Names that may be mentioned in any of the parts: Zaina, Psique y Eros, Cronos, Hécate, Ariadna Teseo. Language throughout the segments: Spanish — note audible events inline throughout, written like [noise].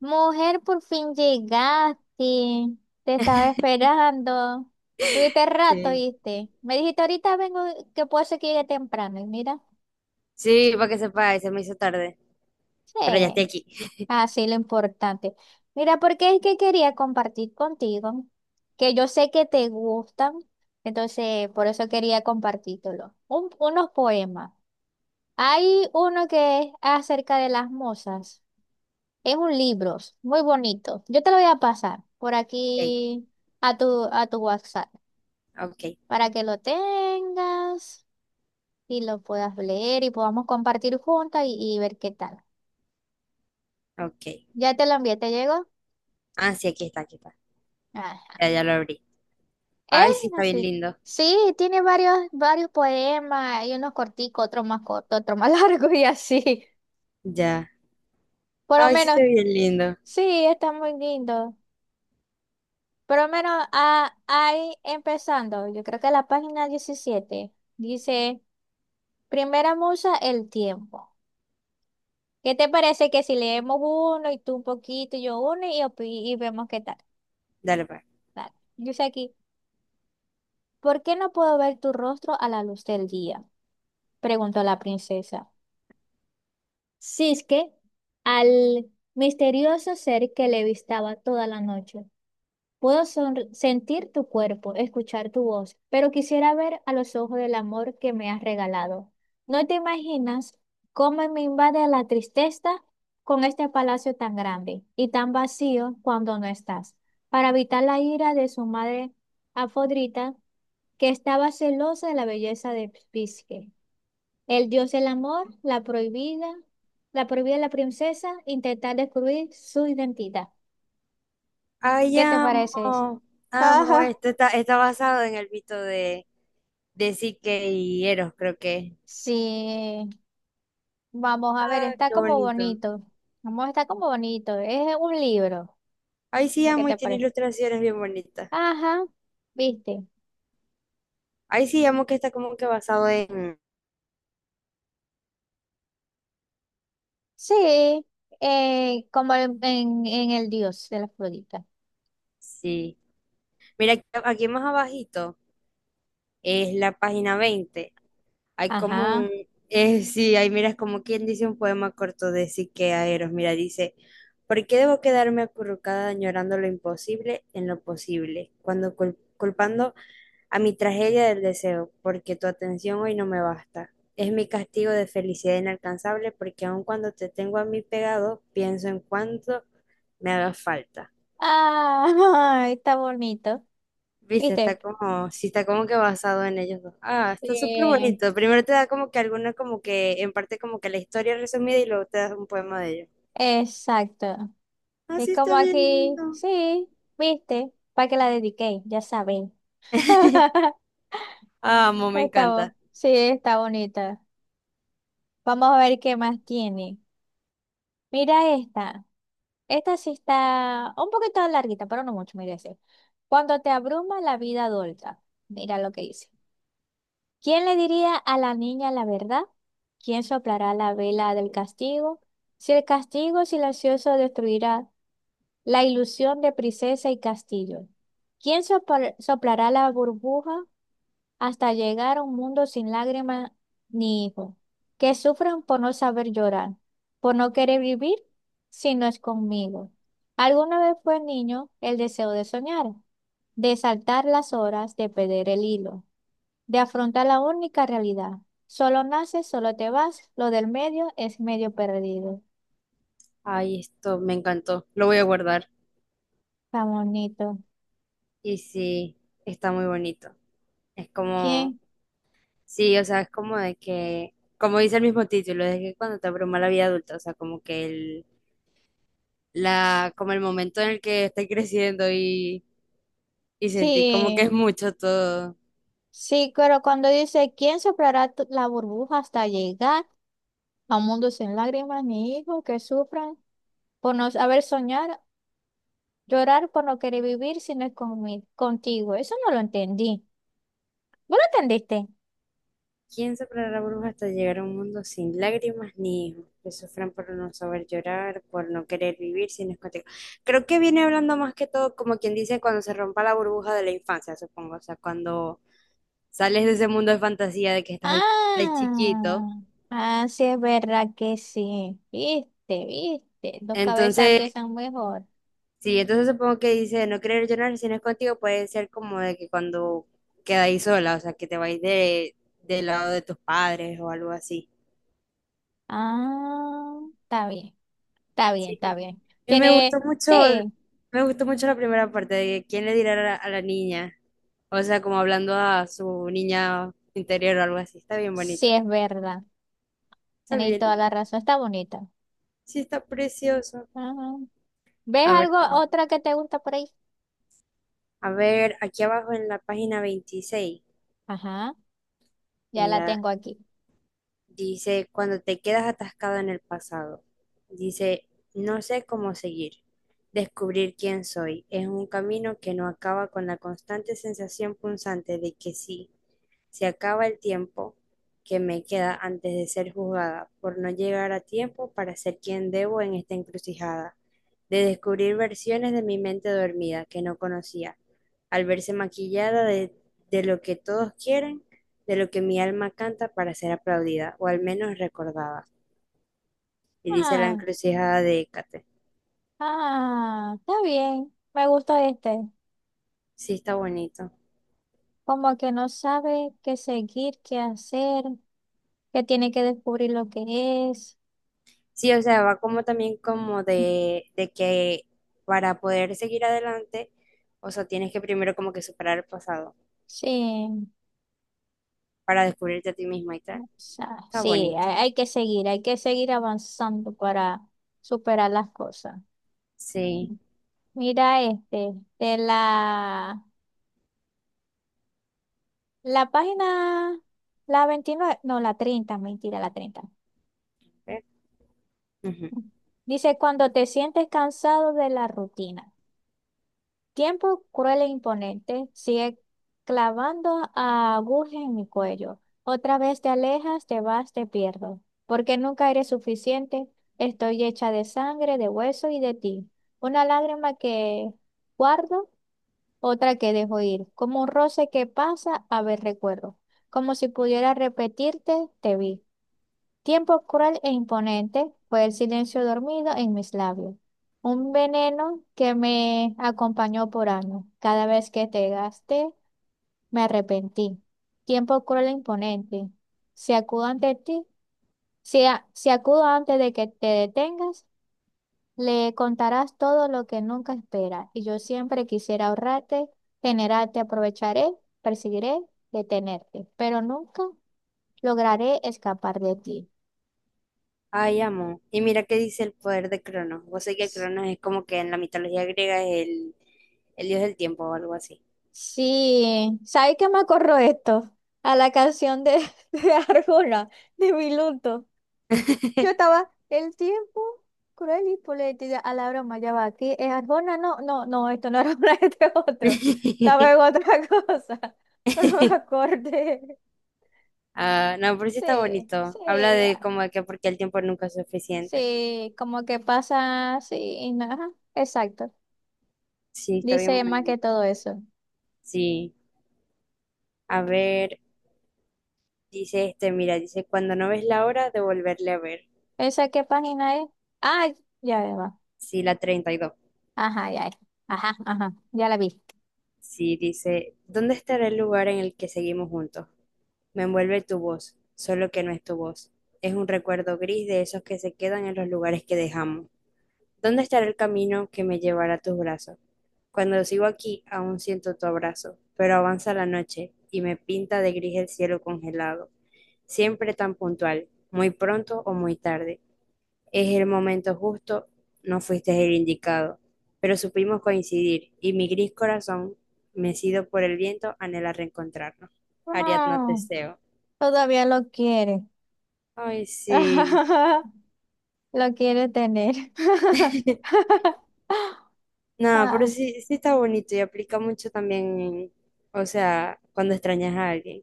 Mujer, por fin llegaste. Te estaba [laughs] esperando. Tuviste rato, Sí. ¿viste? Me dijiste ahorita vengo, que puede ser que llegue temprano. Y mira, Sí, para que sepa, se me hizo tarde, pero ya estoy sí, aquí. así lo importante. Mira, porque es que quería compartir contigo, que yo sé que te gustan, entonces por eso quería compartírtelo. Unos poemas. Hay uno que es acerca de las musas. Es un libro muy bonito. Yo te lo voy a pasar por Ok, aquí a tu WhatsApp ok, para que lo tengas y lo puedas leer y podamos compartir juntas y ver qué tal. ok. Ya te lo envié, ¿te llegó? Ah, sí, aquí está, aquí está. Ah, Ya, ya lo abrí. es Ay, sí, está así. bien Sí, lindo. sí, tiene varios poemas, hay unos corticos, otros más cortos, otros más [laughs] largos y así. Ya. Por lo Ay, sí, menos, está bien lindo. sí, está muy lindo. Por lo menos ahí empezando, yo creo que la página 17 dice... Primera musa, el tiempo. ¿Qué te parece que si leemos uno y tú un poquito y yo uno y vemos qué tal? Dale, pues. Dale. Dice aquí, ¿por qué no puedo ver tu rostro a la luz del día? Preguntó la princesa. Cisque al misterioso ser que le vistaba toda la noche. Puedo sentir tu cuerpo, escuchar tu voz, pero quisiera ver a los ojos del amor que me has regalado. No te imaginas cómo me invade la tristeza con este palacio tan grande y tan vacío cuando no estás. Para evitar la ira de su madre Afrodita, que estaba celosa de la belleza de Pisque. El dios del amor, la prohibida de la princesa, intentar descubrir su identidad. Ay, ¿Qué te parece eso? amo, amo. [laughs] Esto está basado en el mito de Psique y Eros, creo que es. Sí, vamos a ver, Ah, está qué como bonito. bonito. Vamos, está como bonito. Es un libro. Ay, sí, ¿A qué amo y te tiene parece? ilustraciones bien bonitas. Ajá, ¿viste? Ay, sí, amo que está como que basado en... Sí, como en el dios de la Afrodita. Sí. Mira, aquí, aquí más abajito. Es la página 20. Hay como Ajá. un, sí, ahí miras como quien dice un poema corto de Sique Aeros. Mira, dice, ¿por qué debo quedarme acurrucada añorando lo imposible en lo posible? Cuando culpando a mi tragedia del deseo, porque tu atención hoy no me basta. Es mi castigo de felicidad inalcanzable, porque aun cuando te tengo a mí pegado, pienso en cuánto me haga falta. Ah, [laughs] está bonito. Viste, está ¿Viste? como, sí, está como que basado en ellos dos. Ah, está súper Sí, bonito. Primero te da como que alguna, como que, en parte como que la historia resumida y luego te das un poema de ellos. exacto. Ah, Es sí, como está bien aquí, lindo. sí, ¿viste? Para que la dediqué, ya saben. [laughs] [laughs] Amo, me Está, encanta. sí, está bonita. Vamos a ver qué más tiene. Mira esta. Esta sí está un poquito larguita, pero no mucho, mira ese. Cuando te abruma la vida adulta, mira lo que dice. ¿Quién le diría a la niña la verdad? ¿Quién soplará la vela del castigo? Si el castigo silencioso destruirá la ilusión de princesa y castillo. ¿Quién soplará la burbuja hasta llegar a un mundo sin lágrimas ni hijos, que sufren por no saber llorar, por no querer vivir si no es conmigo? Alguna vez fue niño el deseo de soñar, de saltar las horas, de perder el hilo, de afrontar la única realidad. Solo naces, solo te vas, lo del medio es medio perdido. Ay, esto me encantó. Lo voy a guardar. Está bonito. Y sí, está muy bonito. Es como, ¿Quién? sí, o sea, es como de que, como dice el mismo título, es que cuando te abruma la vida adulta, o sea, como que el, la, como el momento en el que estoy creciendo y sentí como que Sí, es mucho todo. sí, pero cuando dice, ¿quién soplará la burbuja hasta llegar a un mundo sin lágrimas ni hijos que sufran por no saber soñar, llorar por no querer vivir si no es contigo? Eso no lo entendí. ¿Vos lo entendiste? ¿Quién soplará bruja hasta llegar a un mundo sin lágrimas ni hijos? Que sufran por no saber llorar, por no querer vivir sin escoteo. Creo que viene hablando más que todo como quien dice cuando se rompa la burbuja de la infancia, supongo. O sea, cuando sales de ese mundo de fantasía de que estás ahí, ahí chiquito. Ah, ah, sí es verdad que sí. Viste, viste. Dos cabezas Entonces, piensan mejor. sí, entonces supongo que dice no querer llorar si no es contigo puede ser como de que cuando quedáis sola, o sea, que te vais del lado de tus padres o algo así. Ah, está bien, está bien, Sí. está bien. Y Tiene, sí, me gustó mucho la primera parte de quién le dirá a la niña. O sea, como hablando a su niña interior o algo así. Está bien sí bonito. es verdad. Está Tenéis bien. toda la razón. Está bonita. Sí, está precioso. Ajá. ¿Ves A ver, algo, otra que te gusta por ahí? a ver, aquí abajo en la página 26, Ajá, ya la mira, tengo aquí. dice, cuando te quedas atascado en el pasado, dice, no sé cómo seguir. Descubrir quién soy es un camino que no acaba con la constante sensación punzante de que sí. Se acaba el tiempo que me queda antes de ser juzgada por no llegar a tiempo para ser quien debo en esta encrucijada, de descubrir versiones de mi mente dormida que no conocía, al verse maquillada de lo que todos quieren, de lo que mi alma canta para ser aplaudida o al menos recordada. Y dice la Ah, encrucijada de Hécate. ah, está bien. Me gusta este. Sí, está bonito. Como que no sabe qué seguir, qué hacer, que tiene que descubrir lo que es. Sí, o sea, va como también como de que para poder seguir adelante, o sea, tienes que primero como que superar el pasado Sí, para descubrirte a ti misma y tal. o sea, Está sí, bonito. hay que seguir, hay que seguir avanzando para superar las cosas. Sí. Mira este, de la página, la 29, no, la 30, mentira, la 30. ¿Ve? Ujú. Dice, cuando te sientes cansado de la rutina. Tiempo cruel e imponente sigue clavando agujas en mi cuello. Otra vez te alejas, te vas, te pierdo. Porque nunca eres suficiente. Estoy hecha de sangre, de hueso y de ti. Una lágrima que guardo, otra que dejo ir. Como un roce que pasa, a ver recuerdo. Como si pudiera repetirte, te vi. Tiempo cruel e imponente fue el silencio dormido en mis labios, un veneno que me acompañó por años. Cada vez que te gasté, me arrepentí. Tiempo cruel e imponente, si acudo ante ti, si acudo antes de que te detengas, le contarás todo lo que nunca esperas. Y yo siempre quisiera ahorrarte, generarte, aprovecharé, perseguiré, detenerte, pero nunca lograré escapar de ti. Ay, amo. Y mira qué dice el poder de Cronos. Vos sé que Cronos es como que en la mitología griega es el dios del tiempo o algo así. Sí, ¿sabes qué me acuerdo esto? A la canción de, [laughs] de Arjona, de Miluto. Yo [laughs] estaba, el tiempo cruel y política, a la broma, ya va, aquí es Arjona, no, no, no, esto no era Arjona, [laughs] este es otro. Estaba en otra [laughs] cosa, pero me acordé. Ah, no, pero sí está Sí, bonito. Habla sí, de ah, como de que porque el tiempo nunca es suficiente. sí, como que pasa, sí, ajá, exacto. Sí, está bien Dice bueno. más que todo eso. Sí. A ver. Dice este, mira, dice, cuando no ves la hora de volverle a ver. ¿Esa qué página es? Ah, ya va. Sí, la 32. Ajá, ya, ya. Ajá, ajá, ya la vi. Sí, dice, ¿dónde estará el lugar en el que seguimos juntos? Me envuelve tu voz, solo que no es tu voz. Es un recuerdo gris de esos que se quedan en los lugares que dejamos. ¿Dónde estará el camino que me llevará a tus brazos? Cuando sigo aquí, aún siento tu abrazo, pero avanza la noche y me pinta de gris el cielo congelado, siempre tan puntual, muy pronto o muy tarde. Es el momento justo, no fuiste el indicado, pero supimos coincidir y mi gris corazón, mecido por el viento, anhela reencontrarnos. Ariadno Ah, Teseo. todavía lo quiere. Ay, sí. [laughs] Lo quiere tener. [laughs] [laughs] No, pero Ah, sí, sí está bonito y aplica mucho también, o sea, cuando extrañas a alguien.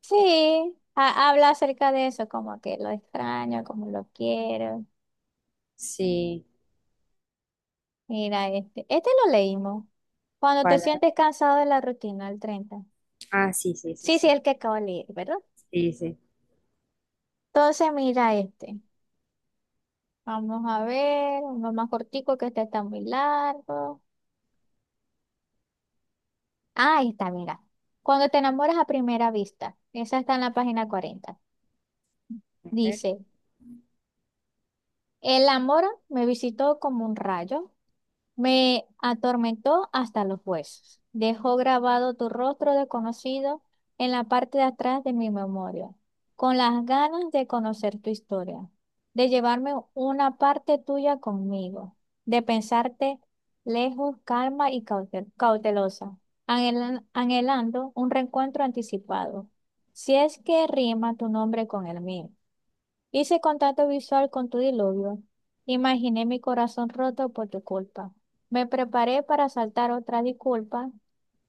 sí, habla acerca de eso, como que lo extraño, como lo quiero. Sí, Mira, este lo leímos. Cuando te para. sientes cansado de la rutina, el 30. Ah, sí, sí, sí, Sí, sí, sí. el que acabo de leer, ¿verdad? Sí, sí. Entonces, mira este. Vamos a ver, uno más cortico que este está muy largo. Ah, ahí está, mira. Cuando te enamoras a primera vista, esa está en la página 40. A ver. Dice, el amor me visitó como un rayo. Me atormentó hasta los huesos. Dejó grabado tu rostro desconocido en la parte de atrás de mi memoria, con las ganas de conocer tu historia, de llevarme una parte tuya conmigo, de pensarte lejos, calma y cautelosa, anhelando un reencuentro anticipado, si es que rima tu nombre con el mío. Hice contacto visual con tu diluvio. Imaginé mi corazón roto por tu culpa. Me preparé para saltar otra disculpa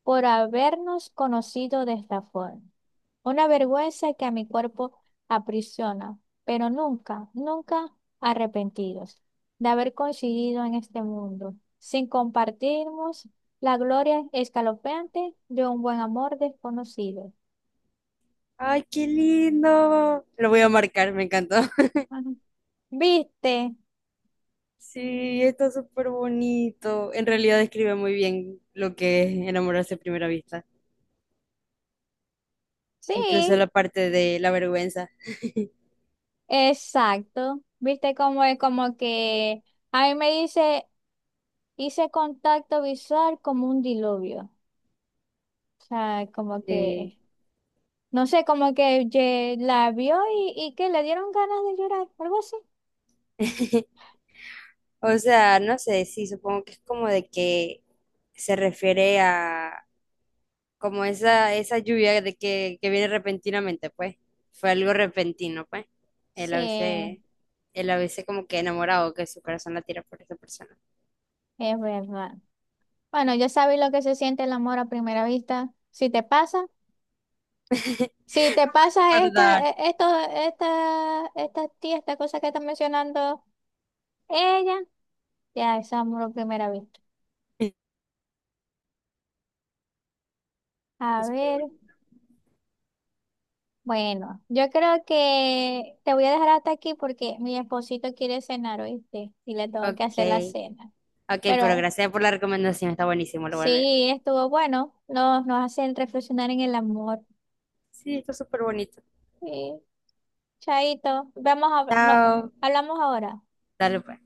por habernos conocido de esta forma. Una vergüenza que a mi cuerpo aprisiona, pero nunca, nunca arrepentidos de haber coincidido en este mundo, sin compartirnos la gloria escalofriante de un buen amor desconocido. Ay, qué lindo. Lo voy a marcar, me encantó. Ajá. ¿Viste? Sí, está súper bonito. En realidad describe muy bien lo que es enamorarse a primera vista, incluso Sí. la parte de la vergüenza. Exacto. Viste cómo es como que a mí me dice, hice contacto visual como un diluvio. O sea, como Sí. que, no sé, como que la vio y que le dieron ganas de llorar, algo así. [laughs] O sea, no sé, sí, supongo que es como de que se refiere a como esa lluvia de que viene repentinamente, pues. Fue algo repentino, pues. Él a Sí, veces, él a veces como que enamorado, que su corazón la tira por esa persona. es verdad. Bueno, ya sabes lo que se siente el amor a primera vista. Si te pasa, [laughs] si te pasa ¿Verdad? esta tía, esta cosa que está mencionando ella, ya es amor a primera vista. [laughs] A Súper ver. bonito. Bueno, yo creo que te voy a dejar hasta aquí porque mi esposito quiere cenar, ¿oíste? Y le tengo que hacer la Ok. cena. Ok, pero Pero gracias por la recomendación, está buenísimo, lo voy a leer. sí, estuvo bueno. Nos hacen reflexionar en el amor. Sí, está súper bonito. Sí, chaito. Vamos a, no, Chao, hablamos ahora. dale pues.